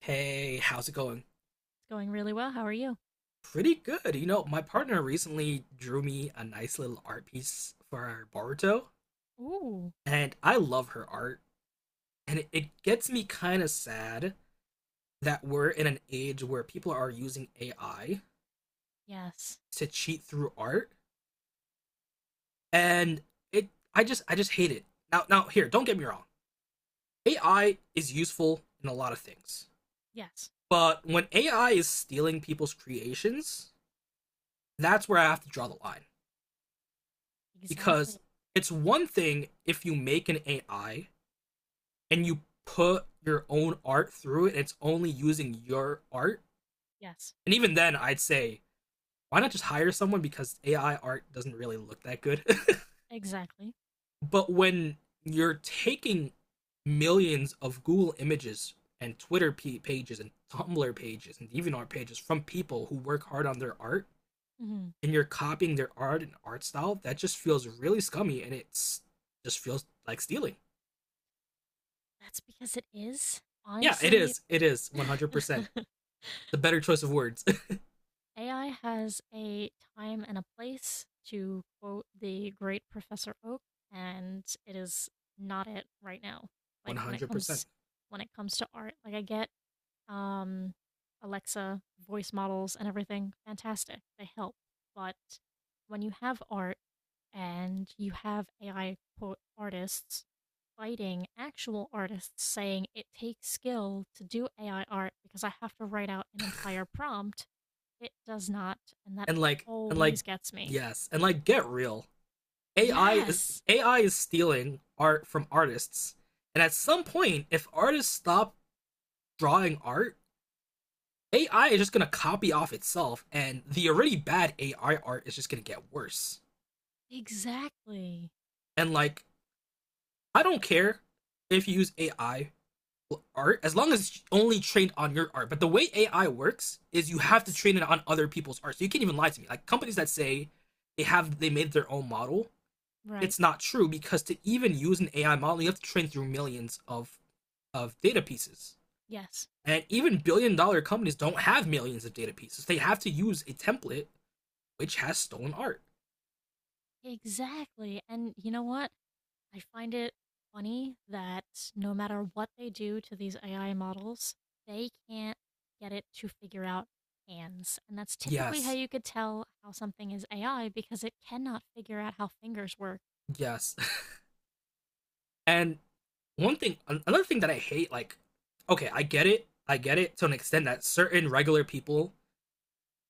Hey, how's it going? It's going really well. How are you? Pretty good. You know, my partner recently drew me a nice little art piece for Boruto, Ooh. and I love her art. And it gets me kind of sad that we're in an age where people are using AI Yes. to cheat through art, and it I just hate it. Now here, don't get me wrong. AI is useful in a lot of things. Yes. But when AI is stealing people's creations, that's where I have to draw the line. Because Exactly. it's one thing if you make an AI and you put your own art through it and it's only using your art. Yes. And even then, I'd say, why not just hire someone because AI art doesn't really look that good. Exactly. But when you're taking millions of Google images and Twitter pages and Tumblr pages and DeviantArt pages from people who work hard on their art Hmm. and you're copying their art and art style, that just feels really scummy and it's just feels like stealing. That's because it is. Yeah, it Honestly, is. It is 100%. The better choice of words. AI has a time and a place, to quote the great Professor Oak, and it is not it right now. Like when it 100%. comes when it comes to art, like I get um Alexa voice models and everything, fantastic. They help. But when you have art and you have AI quote artists fighting actual artists saying it takes skill to do AI art because I have to write out an entire prompt. It does not, and that And like always gets me. yes, and like get real. AI is Yes, AI is stealing art from artists. And at some point, if artists stop drawing art, AI is just going to copy off itself and the already bad AI art is just going to get worse. exactly. And like I don't care if you use AI art as long as it's only trained on your art. But the way AI works is you have to Yes, train it on other people's art. So you can't even lie to me. Like companies that say they made their own model, right. it's not true because to even use an AI model, you have to train through millions of data pieces. Yes, And even billion dollar companies don't have millions of data pieces. They have to use a template which has stolen art. exactly. And you know what? I find it funny that no matter what they do to these AI models, they can't get it to figure out hands. And that's typically how Yes. you could tell how something is AI because it cannot figure out how fingers work. Yes. And one thing another thing that I hate like okay, I get it. I get it to an extent that certain regular people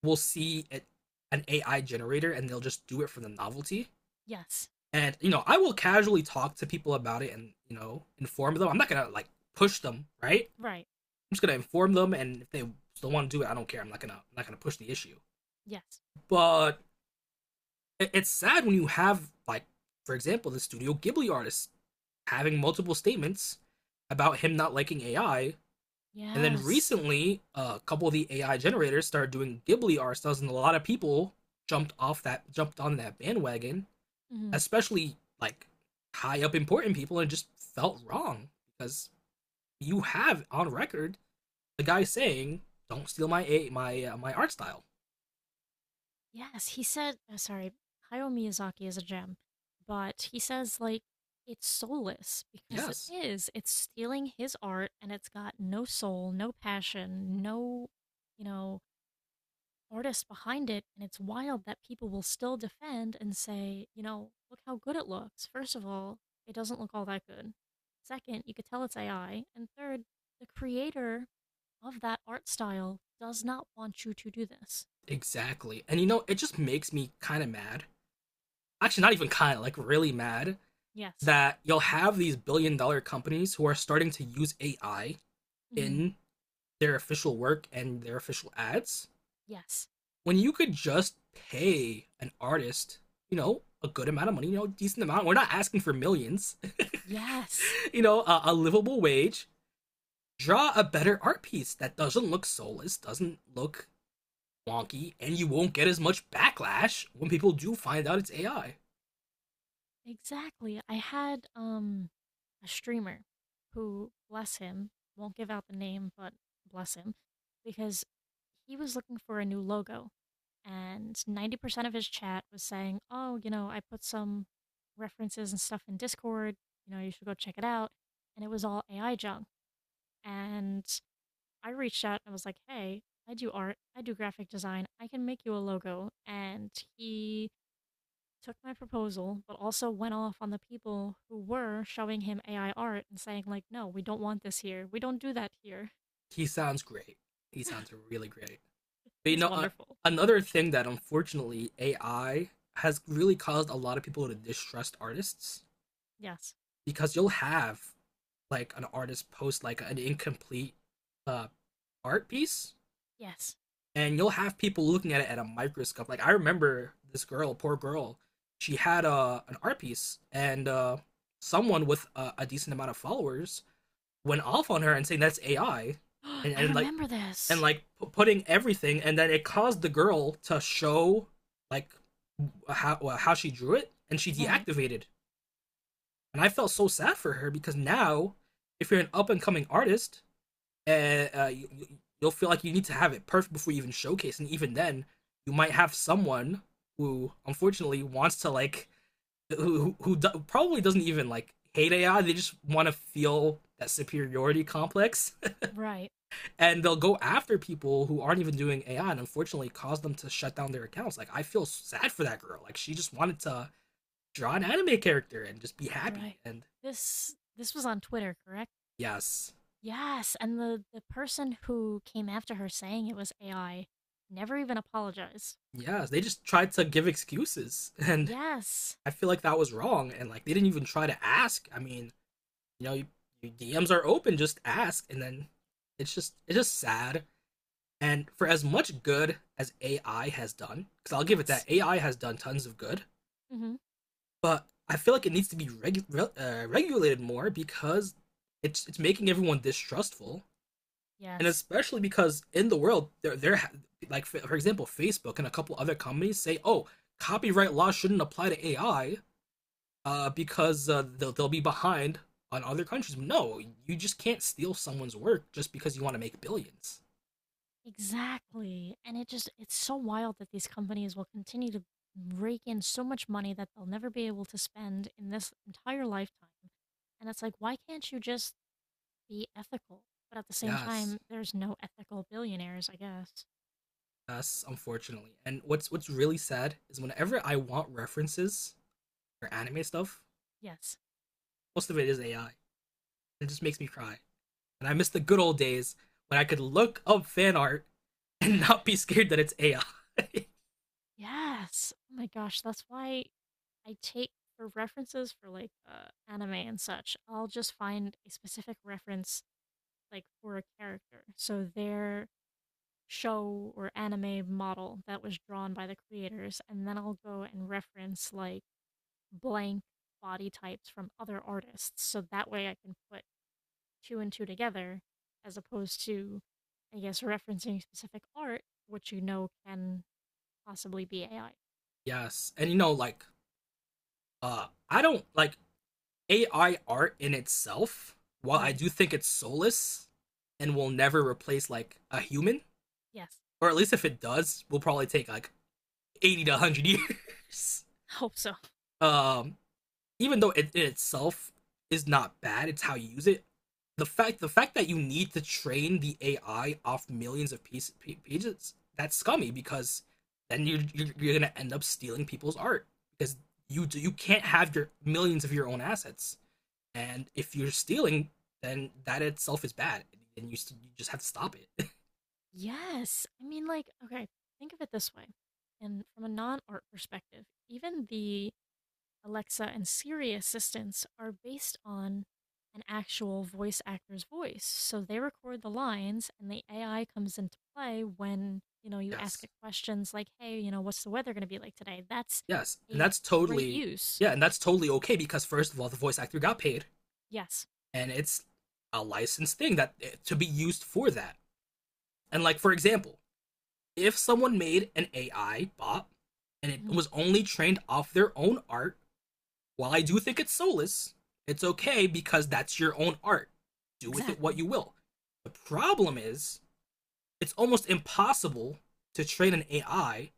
will see it, an AI generator and they'll just do it for the novelty. Yes. And you know, I will casually talk to people about it and you know inform them. I'm not gonna like push them, right? Right. I'm just gonna inform them, and if they still want to do it, I don't care. I'm not gonna push the issue. Yes. But it's sad when you have like, for example, the Studio Ghibli artist having multiple statements about him not liking AI. And then Yes. recently, a couple of the AI generators started doing Ghibli art styles, and a lot of people jumped on that bandwagon, Hmm. especially like high up important people, and just felt wrong because you have on record the guy saying, "Don't steal my a my my art style." Yes. He said, oh, sorry, Hayao Miyazaki is a gem, but he says, like, it's soulless because it Yes, is. It's stealing his art and it's got no soul, no passion, no, you know, artist behind it, and it's wild that people will still defend and say, look how good it looks. First of all, it doesn't look all that good. Second, you could tell it's AI. And third, the creator of that art style does not want you to do this. exactly. And you know, it just makes me kind of mad. Actually, not even kind of, like, really mad Yes. that you'll have these billion dollar companies who are starting to use AI Hmm. in their official work and their official ads Yes. when you could just pay an artist, you know, a good amount of money, you know, decent amount. We're not asking for millions. Yes. A livable wage. Draw a better art piece that doesn't look soulless, doesn't look wonky, and you won't get as much backlash when people do find out it's AI. Exactly. I had a streamer who, bless him, won't give out the name, but bless him, because he was looking for a new logo and 90% of his chat was saying, "Oh, you know, I put some references and stuff in Discord, you know, you should go check it out." And it was all AI junk. And I reached out and was like, "Hey, I do art, I do graphic design. I can make you a logo." And he took my proposal, but also went off on the people who were showing him AI art and saying like, "No, we don't want this here. We don't do that here." He sounds great. He sounds really great. But you He's know, wonderful. another thing that unfortunately AI has really caused a lot of people to distrust artists Yes. because you'll have like an artist post like an incomplete uh art piece Yes. and you'll have people looking at it at a microscope like I remember this girl, poor girl. She had an art piece, and someone with a decent amount of followers went off on her and saying that's AI, and, I and like remember and this. like p- putting everything, and then it caused the girl to show like how she drew it and she Right. deactivated. And I felt so sad for her because now, if you're an up and coming artist, uh, uh, you, you'll feel like you need to have it perfect before you even showcase, and even then, you might have someone who unfortunately wants to like who probably doesn't even like hate AI. They just want to feel that superiority complex, Right. and they'll go after people who aren't even doing AI, and unfortunately, cause them to shut down their accounts. Like I feel sad for that girl. Like she just wanted to draw an anime character and just be Right. happy. And This was on Twitter, correct? yes, Yes, and the person who came after her saying it was AI never even apologized. yeah, they just tried to give excuses, and Yes. I feel like that was wrong. And like they didn't even try to ask. I mean, you know, you, your DMs are open, just ask, and then it's just sad. And for as much good as AI has done, because I'll give it Yes. that AI has done tons of good, Mhm. but I feel like it needs to be regulated more because it's making everyone distrustful and Yes. especially because in the world there like for example Facebook and a couple other companies say, oh, copyright law shouldn't apply to AI, because they'll be behind on other countries. No, you just can't steal someone's work just because you want to make billions. Exactly. And it's so wild that these companies will continue to rake in so much money that they'll never be able to spend in this entire lifetime. And it's like, why can't you just be ethical? But at the same Yes. time, there's no ethical billionaires, I guess. Us, unfortunately. And what's really sad is whenever I want references or anime stuff, Yes. most of it is AI. It just makes me cry. And I miss the good old days when I could look up fan art and not be scared that it's AI. Yes. Oh my gosh, that's why I take for references for like anime and such. I'll just find a specific reference like for a character. So their show or anime model that was drawn by the creators, and then I'll go and reference like blank body types from other artists. So that way I can put two and two together as opposed to I guess referencing specific art, which you know can possibly be AI. Yes. And you know, like, I don't like AI art in itself, while I Right. do think it's soulless and will never replace like a human, Yes. or at least if it does, we will probably take like 80 to 100 years. Hope so. Um Even though it in itself is not bad, it's how you use it. The fact that you need to train the AI off millions of pages, that's scummy because then you're gonna end up stealing people's art because you can't have your millions of your own assets, and if you're stealing then that itself is bad, and you just have to stop it. Yes. I mean, like, okay, think of it this way. And from a non art perspective, even the Alexa and Siri assistants are based on an actual voice actor's voice. So they record the lines and the AI comes into play when, you ask Yes. it questions like, hey, what's the weather going to be like today? That's Yes. and a that's great totally use. yeah and that's totally okay because first of all the voice actor got paid, Yes. and it's a licensed thing that to be used for that. And like for example, if someone made an AI bot and it Hmm. was only trained off their own art, while I do think it's soulless, it's okay because that's your own art. Do with it what Exactly. you will. The problem is it's almost impossible to train an AI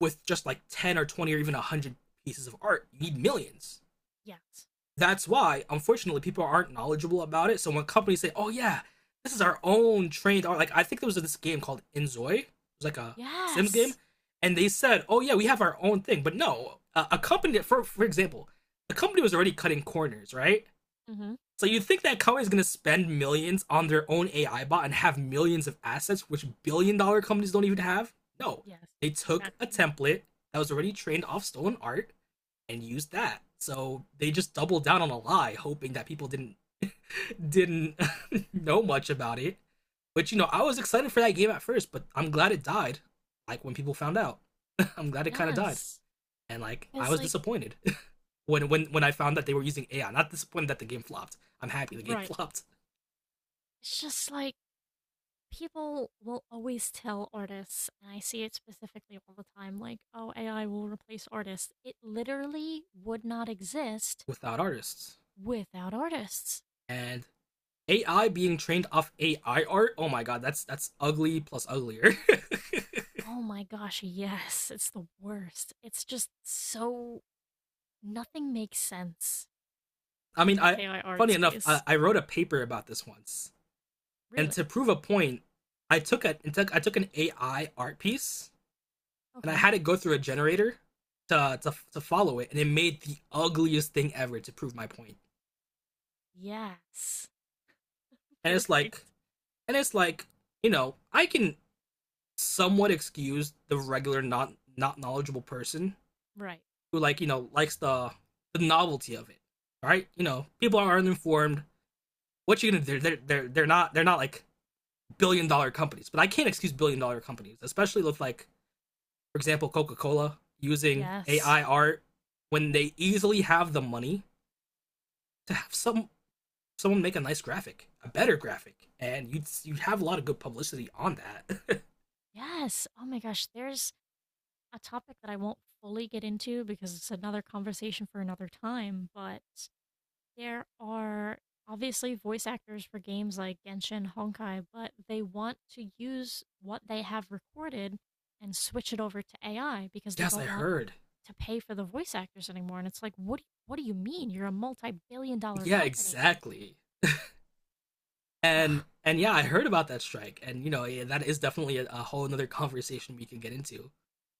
with just like 10 or 20 or even 100 pieces of art. You need millions. Yes. That's why, unfortunately, people aren't knowledgeable about it. So when companies say, "Oh yeah, this is our own trained art," like I think there was this game called Inzoi, it was like a Sims game, Yes. and they said, "Oh yeah, we have our own thing," but no, a company, for example, a company was already cutting corners, right? Hmm. So you think that company is gonna spend millions on their own AI bot and have millions of assets, which billion dollar companies don't even have? No, Yes. they took a Exactly. template that was already trained off stolen art and used that. So they just doubled down on a lie, hoping that people didn't know much about it. But you know, I was excited for that game at first, but I'm glad it died. Like when people found out, I'm glad it kind of died, Yes. and like I Because, was like. disappointed when I found that they were using AI. Not disappointed that the game flopped. I'm happy the game Right. flopped It's just like people will always tell artists, and I see it specifically all the time, like, oh, AI will replace artists. It literally would not exist without artists without artists. and AI being trained off AI art. Oh my god, that's ugly plus uglier. Oh my gosh, yes, it's the worst. It's just so nothing makes sense I in mean, the I AI art funny enough, space. I wrote a paper about this once, and Really? to prove a point, I took an AI art piece and I Okay. had it go through a generator to follow it, and it made the ugliest thing ever to prove my point. Yes. And it's Perfect. like and it's like you know I can somewhat excuse the regular not knowledgeable person Right. who like you know likes the novelty of it, right? You know people are uninformed. What you gonna do? They're not like billion dollar companies, but I can't excuse billion dollar companies, especially with like for example, Coca Cola using Yes. AI art when they easily have the money to have someone make a nice graphic, a better graphic, and you have a lot of good publicity on that. Yes. Oh my gosh, there's a topic that I won't fully get into because it's another conversation for another time, but there are obviously voice actors for games like Genshin, Honkai, but they want to use what they have recorded and switch it over to AI because they Yes, I don't want heard. to pay for the voice actors anymore. And it's like, what do you mean? You're a multi-billion dollar Yeah, company. exactly. And Ugh, and yeah, I heard about that strike, and you know yeah, that is definitely a whole another conversation we can get into.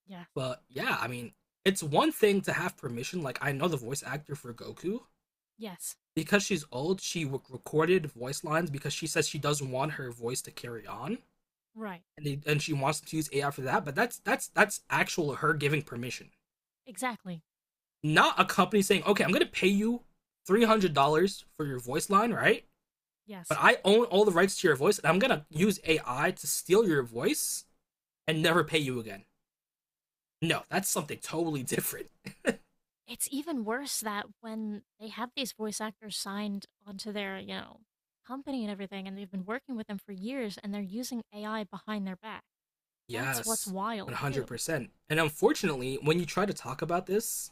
yeah. But yeah, I mean, it's one thing to have permission. Like I know the voice actor for Goku Yes. because she's old, she recorded voice lines because she says she doesn't want her voice to carry on, Right. and she wants to use AI for that. But that's actual her giving permission, Exactly. not a company saying, "Okay, I'm gonna pay you $300 for your voice line, right? But Yes. I own all the rights to your voice, and I'm gonna use AI to steal your voice and never pay you again." No, that's something totally different. It's even worse that when they have these voice actors signed onto their, company and everything, and they've been working with them for years, and they're using AI behind their back. That's what's Yes, one wild, hundred too. percent. And unfortunately, when you try to talk about this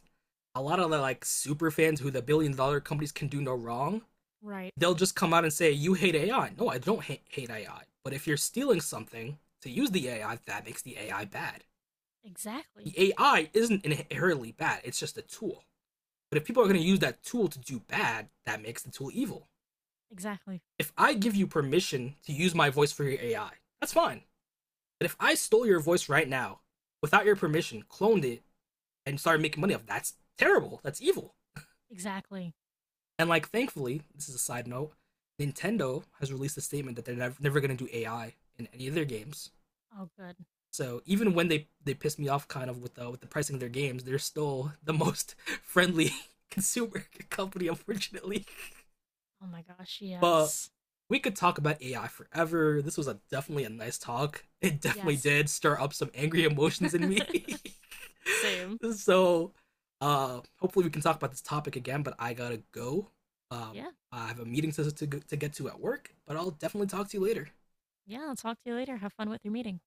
a lot of the like super fans who the billion dollar companies can do no wrong, Right. they'll just come out and say, you hate AI. No, I don't hate AI. But if you're stealing something to use the AI, that makes the AI bad. The Exactly. AI isn't inherently bad, it's just a tool. But if people are Yep. going to use that tool to do bad, that makes the tool evil. Exactly. If I give you permission to use my voice for your AI, that's fine. But if I stole your voice right now without your permission, cloned it, and started making money off, that's terrible. That's evil. Exactly. And like, thankfully, this is a side note. Nintendo has released a statement that they're never, never going to do AI in any of their games. Oh, good. So even when they piss me off kind of with the pricing of their games, they're still the most friendly consumer company, unfortunately. Oh my gosh. But Yes. we could talk about AI forever. This was a definitely a nice talk. It definitely Yes. did stir up some angry emotions in me. Same. So hopefully we can talk about this topic again, but I gotta go. Um Yeah. I have a meeting to get to at work, but I'll definitely talk to you later. Yeah. I'll talk to you later. Have fun with your meeting.